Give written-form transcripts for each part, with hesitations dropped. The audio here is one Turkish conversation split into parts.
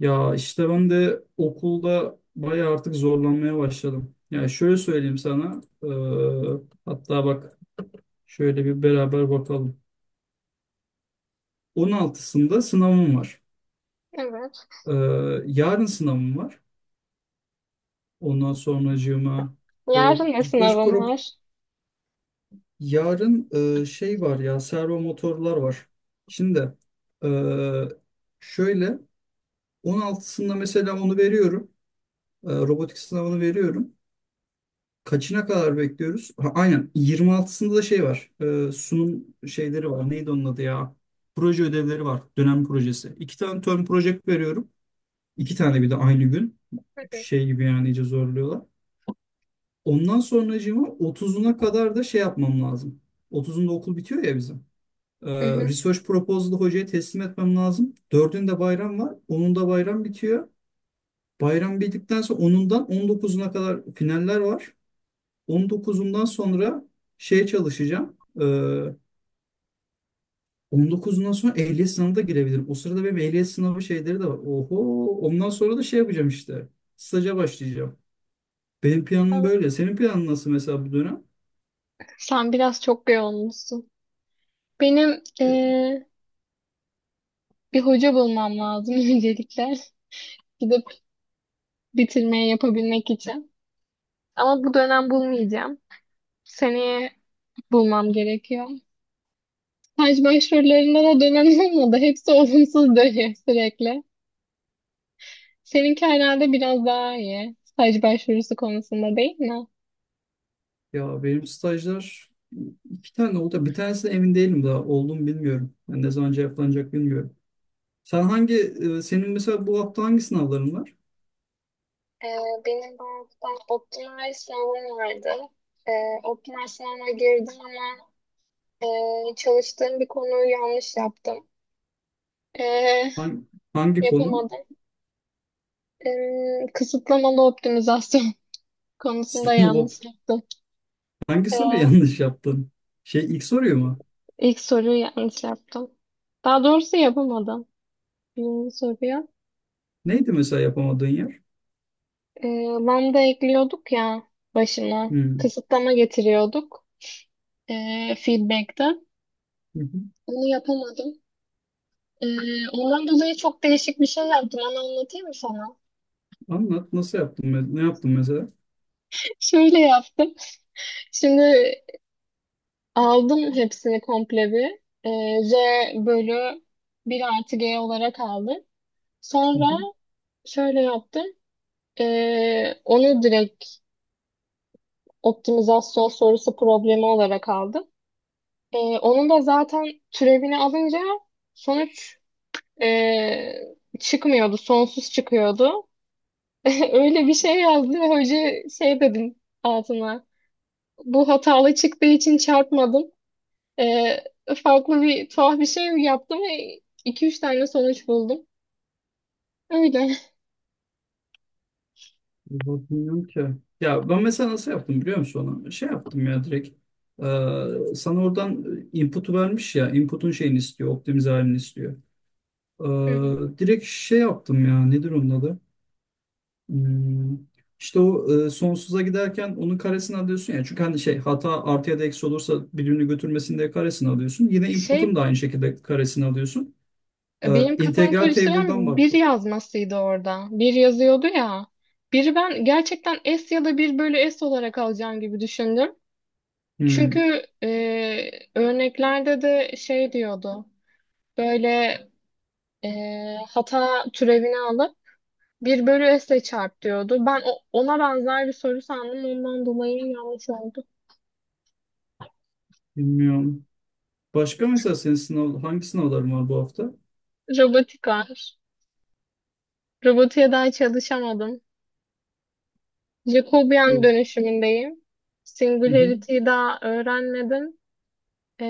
Ya işte ben de okulda bayağı artık zorlanmaya başladım. Yani şöyle söyleyeyim sana. Hatta bak şöyle bir beraber bakalım. 16'sında sınavım var. Evet. Yarın sınavım var. Ondan sonracığıma Yarın da Research sınavım Prop. var. Yarın şey var ya servo motorlar var. Şimdi eee, şöyle 16'sında mesela onu veriyorum. Robotik sınavını veriyorum. Kaçına kadar bekliyoruz? Ha, aynen 26'sında da şey var. Sunum şeyleri var. Neydi onun adı ya? Proje ödevleri var. Dönem projesi. İki tane term project veriyorum. İki tane bir de aynı gün. Hı hı. Şey gibi yani iyice zorluyorlar. Ondan sonracığıma 30'una kadar da şey yapmam lazım. 30'unda okul bitiyor ya bizim. Ee, Hı hı. Research proposal'ı hocaya teslim etmem lazım. 4'ünde bayram var. Onun da bayram bitiyor. Bayram bittikten sonra 10'undan 19'una kadar finaller var. 19'undan sonra şeye çalışacağım. On dokuzundan sonra ehliyet sınavına da girebilirim. O sırada benim ehliyet sınavı şeyleri de var. Oho, ondan sonra da şey yapacağım işte. Staja başlayacağım. Benim planım Evet. böyle. Senin planın nasıl mesela bu dönem? Sen biraz çok yoğunmuşsun. Benim Evet. Bir hoca bulmam lazım öncelikle. Gidip bitirmeye yapabilmek için. Ama bu dönem bulmayacağım. Seneye bulmam gerekiyor. Staj başvurularında da dönem olmadı. Hepsi olumsuz dönüyor sürekli. Seninki herhalde biraz daha iyi. Staj başvurusu konusunda değil mi? Ya benim stajlar iki tane oldu. Bir tanesi de emin değilim daha. Oldu mu bilmiyorum. Yani ne zaman cevaplanacak bilmiyorum. Sen hangi, senin mesela bu hafta hangi sınavların var? Ee, Benim banktan optimal sınavım vardı. Ee, Optimal sınavına girdim ama çalıştığım bir konuyu yanlış yaptım. Ee, Hangi, hangi konu? Yapamadım. Kısıtlamalı optimizasyon konusunda Sınav, yanlış yaptım. hangi soruyu Ee, yanlış yaptın? Şey ilk soruyu mu? ilk soruyu yanlış yaptım. Daha doğrusu yapamadım. Birinci soruya. Neydi mesela yapamadığın yer? Lambda ekliyorduk ya başına. Hmm. Kısıtlama getiriyorduk feedback'te. Hı hı. Onu yapamadım. Ondan dolayı çok değişik bir şey yaptım. Onu anlatayım mı sana? Anlat nasıl yaptın? Ne yaptın mesela? Şöyle yaptım. Şimdi aldım hepsini komple bir. Z bölü bir artı G olarak aldım. Hı Sonra hı. şöyle yaptım. Onu direkt optimizasyon sorusu problemi olarak aldım. Onun da zaten türevini alınca sonuç ee, çıkmıyordu. Sonsuz çıkıyordu. Öyle bir şey yazdı. Hoca şey dedim altına. Bu hatalı çıktığı için çarpmadım. Ee, Farklı bir tuhaf bir şey yaptım ve iki üç tane sonuç buldum. Öyle. Vallahi ki. Ya ben mesela nasıl yaptım biliyor musun onu? Şey yaptım ya direkt. Sana oradan input'u vermiş ya. Input'un şeyini istiyor. Optimize halini istiyor. Hı hı. Direkt şey yaptım ya. Nedir onun adı? Hmm. İşte o sonsuza giderken onun karesini alıyorsun ya. Çünkü hani şey hata artı ya da eksi olursa birbirini götürmesin diye karesini alıyorsun. Yine Şey input'un da aynı şekilde karesini alıyorsun. Benim kafamı İntegral table'dan karıştıran bir baktım. yazmasıydı orada. Bir yazıyordu ya. Biri ben gerçekten S ya da bir bölü S olarak alacağım gibi düşündüm. Hmm, Çünkü örneklerde de şey diyordu. Böyle e, hata türevini alıp bir bölü s'le çarp diyordu. Ben ona benzer bir soru sandım. Ondan dolayı yanlış oldu. bilmiyorum. Başka mesela senin sınav, hangi sınavların var bu hafta? Robotik var. Robotiğe daha çalışamadım. Jacobian Bu. dönüşümündeyim. Hı hı. Singularity'yi daha öğrenmedim. E,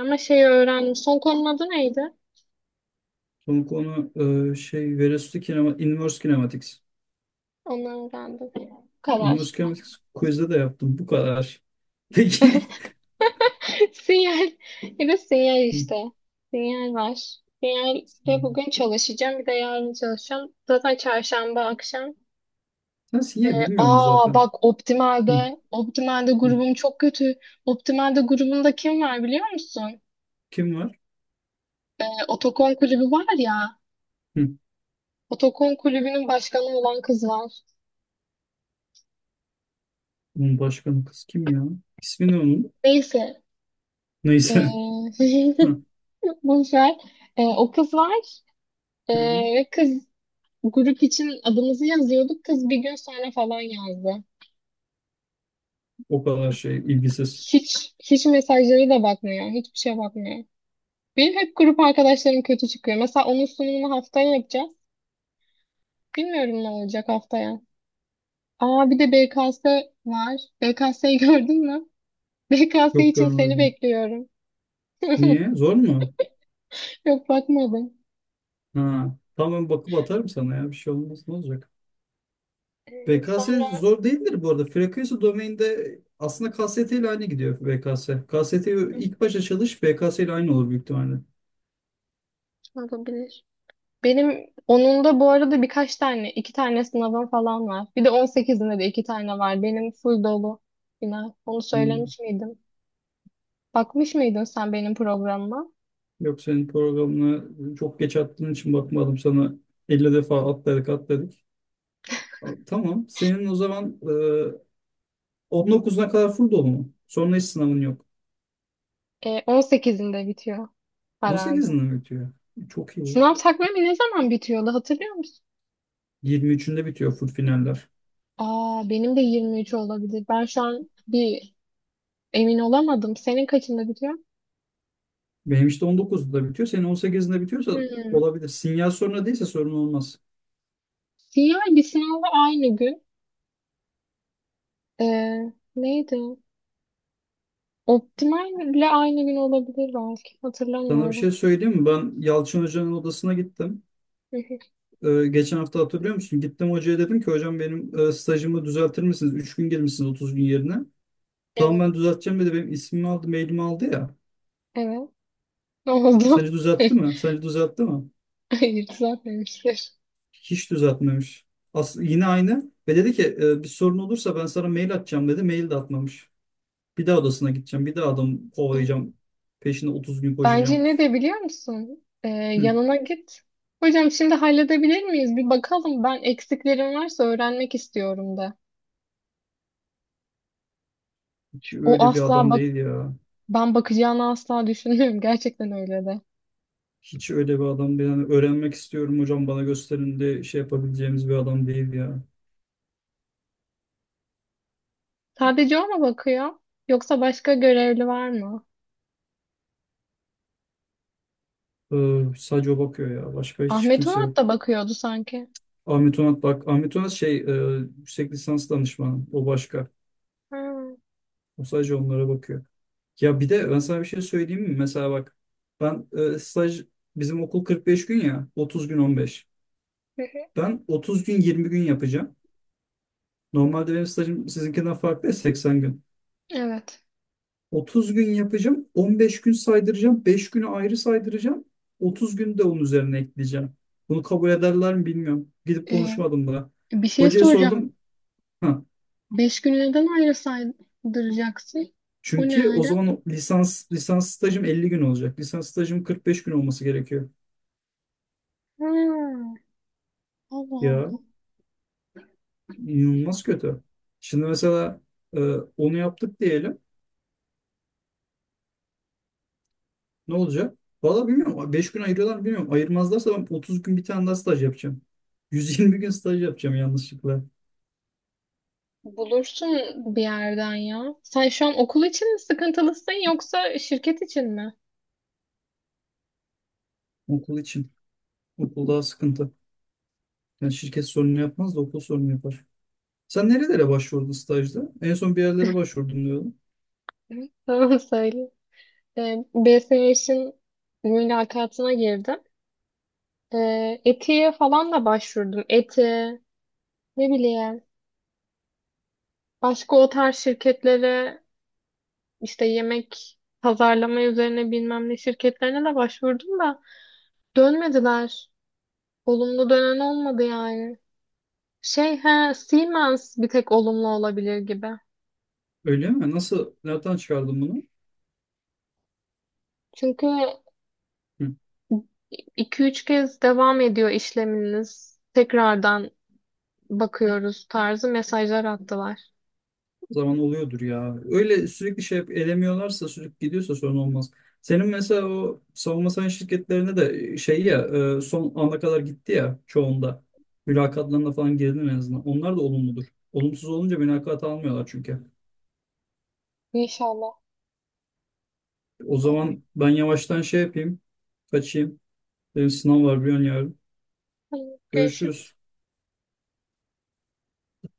Ama şeyi öğrendim. Son konunun adı neydi? Son konu şey Veresu kinema, Inverse Kinematics. Onu öğrendim. Bu Inverse kadar. Kinematics quiz'de de yaptım. Bu kadar. Peki. Sinyal. Ya sinyal Hı. işte. Sinyal var. Sinyalde bugün çalışacağım. Bir de yarın çalışacağım. Zaten çarşamba akşam. Nasıl ya bilmiyorum Aa zaten. bak, Hı, Optimal'de. Optimal'de hı. grubum çok kötü. Optimal'de grubunda kim var biliyor musun? Kim var? Otokon kulübü var ya. Hı. Otokon kulübünün başkanı olan kız var. Bunun başkanı kız kim ya? İsmi ne onun? Neyse. E, Neyse. Hı, boş ver. O kız var. E, hı. Ve kız grup için adımızı yazıyorduk. Kız bir gün sonra falan yazdı. O kadar şey ilgisiz. Hiç hiç mesajları da bakmıyor. Hiçbir şeye bakmıyor. Benim hep grup arkadaşlarım kötü çıkıyor. Mesela onun sunumunu haftaya yapacağız. Bilmiyorum ne olacak haftaya. Aa bir de BKS var. BKS'yi gördün mü? BKS Yok için seni görmedim. bekliyorum. Niye? Zor mu? Yok bakmadım. Ha, tamam bakıp atarım sana ya bir şey olmaz ne olacak. BKS Sonra zor değildir bu arada. Frekansı domainde aslında KST ile aynı gidiyor BKS. KST ilk başa çalış BKS ile aynı olur büyük ihtimalle. olabilir? Benim onun da bu arada birkaç tane, iki tane sınavım falan var. Bir de on sekizinde de iki tane var. Benim full dolu. Yine onu Hmm. söylemiş miydim? Bakmış mıydın sen benim programıma? Yok senin programına çok geç attığın için bakmadım sana 50 defa atladık atladık. A- Tamam senin o zaman 19'una kadar full dolu mu? Sonra hiç sınavın yok. 18'inde bitiyor herhalde. 18'inde mi bitiyor? Çok iyi. Sınav takvimi ne zaman bitiyordu hatırlıyor musun? 23'ünde bitiyor full finaller. Aa benim de 23 olabilir. Ben şu an bir emin olamadım. Senin kaçında bitiyor? Benim işte 19'da bitiyor. Senin 18'inde bitiyorsa Hmm. olabilir. Sinyal sorunu değilse sorun olmaz. CI bir sınavla aynı gün. E, Neydi? Optimal ile aynı gün olabilir belki. Sana bir Hatırlamıyorum. şey söyleyeyim mi? Ben Yalçın Hoca'nın odasına gittim. Geçen hafta hatırlıyor musun? Gittim hocaya dedim ki hocam benim stajımı düzeltir misiniz? 3 gün girmişsiniz 30 gün yerine. Tamam Evet. ben düzelteceğim dedi. Benim ismimi aldı, mailimi aldı ya. Evet. Ne Sence oldu? düzeltti mi? Sence düzeltti mi? Hayır düzeltmemiştir. Hiç düzeltmemiş. As yine aynı. Ve dedi ki bir sorun olursa ben sana mail atacağım dedi. Mail de atmamış. Bir daha odasına gideceğim. Bir daha adam kovalayacağım. Peşine 30 gün koşacağım. Bence ne de biliyor musun? Hı, Yanına git. Hocam şimdi halledebilir miyiz? Bir bakalım. Ben eksiklerim varsa öğrenmek istiyorum de. hiç O öyle bir asla adam bak, değil ya. ben bakacağını asla düşünmüyorum. Gerçekten öyle de. Hiç öyle bir adam değil. Yani öğrenmek istiyorum hocam bana gösterin de şey yapabileceğimiz bir adam değil ya. Sadece o mu bakıyor? Yoksa başka görevli var mı? Sadece o bakıyor ya. Başka hiç Ahmet kimse Onat yok. da bakıyordu sanki. Ahmet Onat bak. Ahmet Onat şey yüksek lisans danışmanı. O başka. Ha. O sadece onlara bakıyor. Ya bir de ben sana bir şey söyleyeyim mi? Mesela bak ben staj bizim okul 45 gün ya. 30 gün 15. Hı hı. Ben 30 gün 20 gün yapacağım. Normalde benim stajım sizinkinden farklı ya, 80 gün. Evet. 30 gün yapacağım, 15 gün saydıracağım, 5 günü ayrı saydıracağım, 30 gün de onun üzerine ekleyeceğim. Bunu kabul ederler mi bilmiyorum. Gidip Ee, konuşmadım daha. Bir şey Hocaya soracağım. sordum. Ha, Beş günü neden ayrı saydıracaksın? O ne çünkü o öyle? zaman o lisans stajım 50 gün olacak. Lisans stajım 45 gün olması gerekiyor. Ha. Allah. Ya inanılmaz kötü. Şimdi mesela e, onu yaptık diyelim. Ne olacak? Valla bilmiyorum. 5 gün ayırıyorlar mı bilmiyorum. Ayırmazlarsa ben 30 gün bir tane daha staj yapacağım. 120 gün staj yapacağım yanlışlıkla. Bulursun bir yerden ya. Sen şu an okul için mi sıkıntılısın yoksa şirket için mi? Okul için. Okul daha sıkıntı. Yani şirket sorunu yapmaz da okul sorunu yapar. Sen nerelere başvurdun stajda? En son bir yerlere başvurdum diyordun. Hı. Tamam söyle. BSH'in mülakatına girdim. ETİ'ye falan da başvurdum. Eti, ne bileyim. Başka o tarz şirketlere işte yemek pazarlama üzerine bilmem ne şirketlerine de başvurdum da dönmediler. Olumlu dönen olmadı yani. Şey he, Siemens bir tek olumlu olabilir gibi. Öyle mi? Nasıl? Nereden çıkardın bunu? Çünkü 2 üç kez devam ediyor işleminiz. Tekrardan bakıyoruz tarzı mesajlar attılar. Zaman oluyordur ya. Öyle sürekli şey elemiyorlarsa sürekli gidiyorsa sorun olmaz. Senin mesela o savunma sanayi şirketlerine de şey ya son ana kadar gitti ya çoğunda. Mülakatlarına falan girdin en azından. Onlar da olumludur. Olumsuz olunca mülakat almıyorlar çünkü. İnşallah. O zaman ben yavaştan şey yapayım. Kaçayım. Benim sınav var bir an yarın. Ay, görüşürüz. Görüşürüz.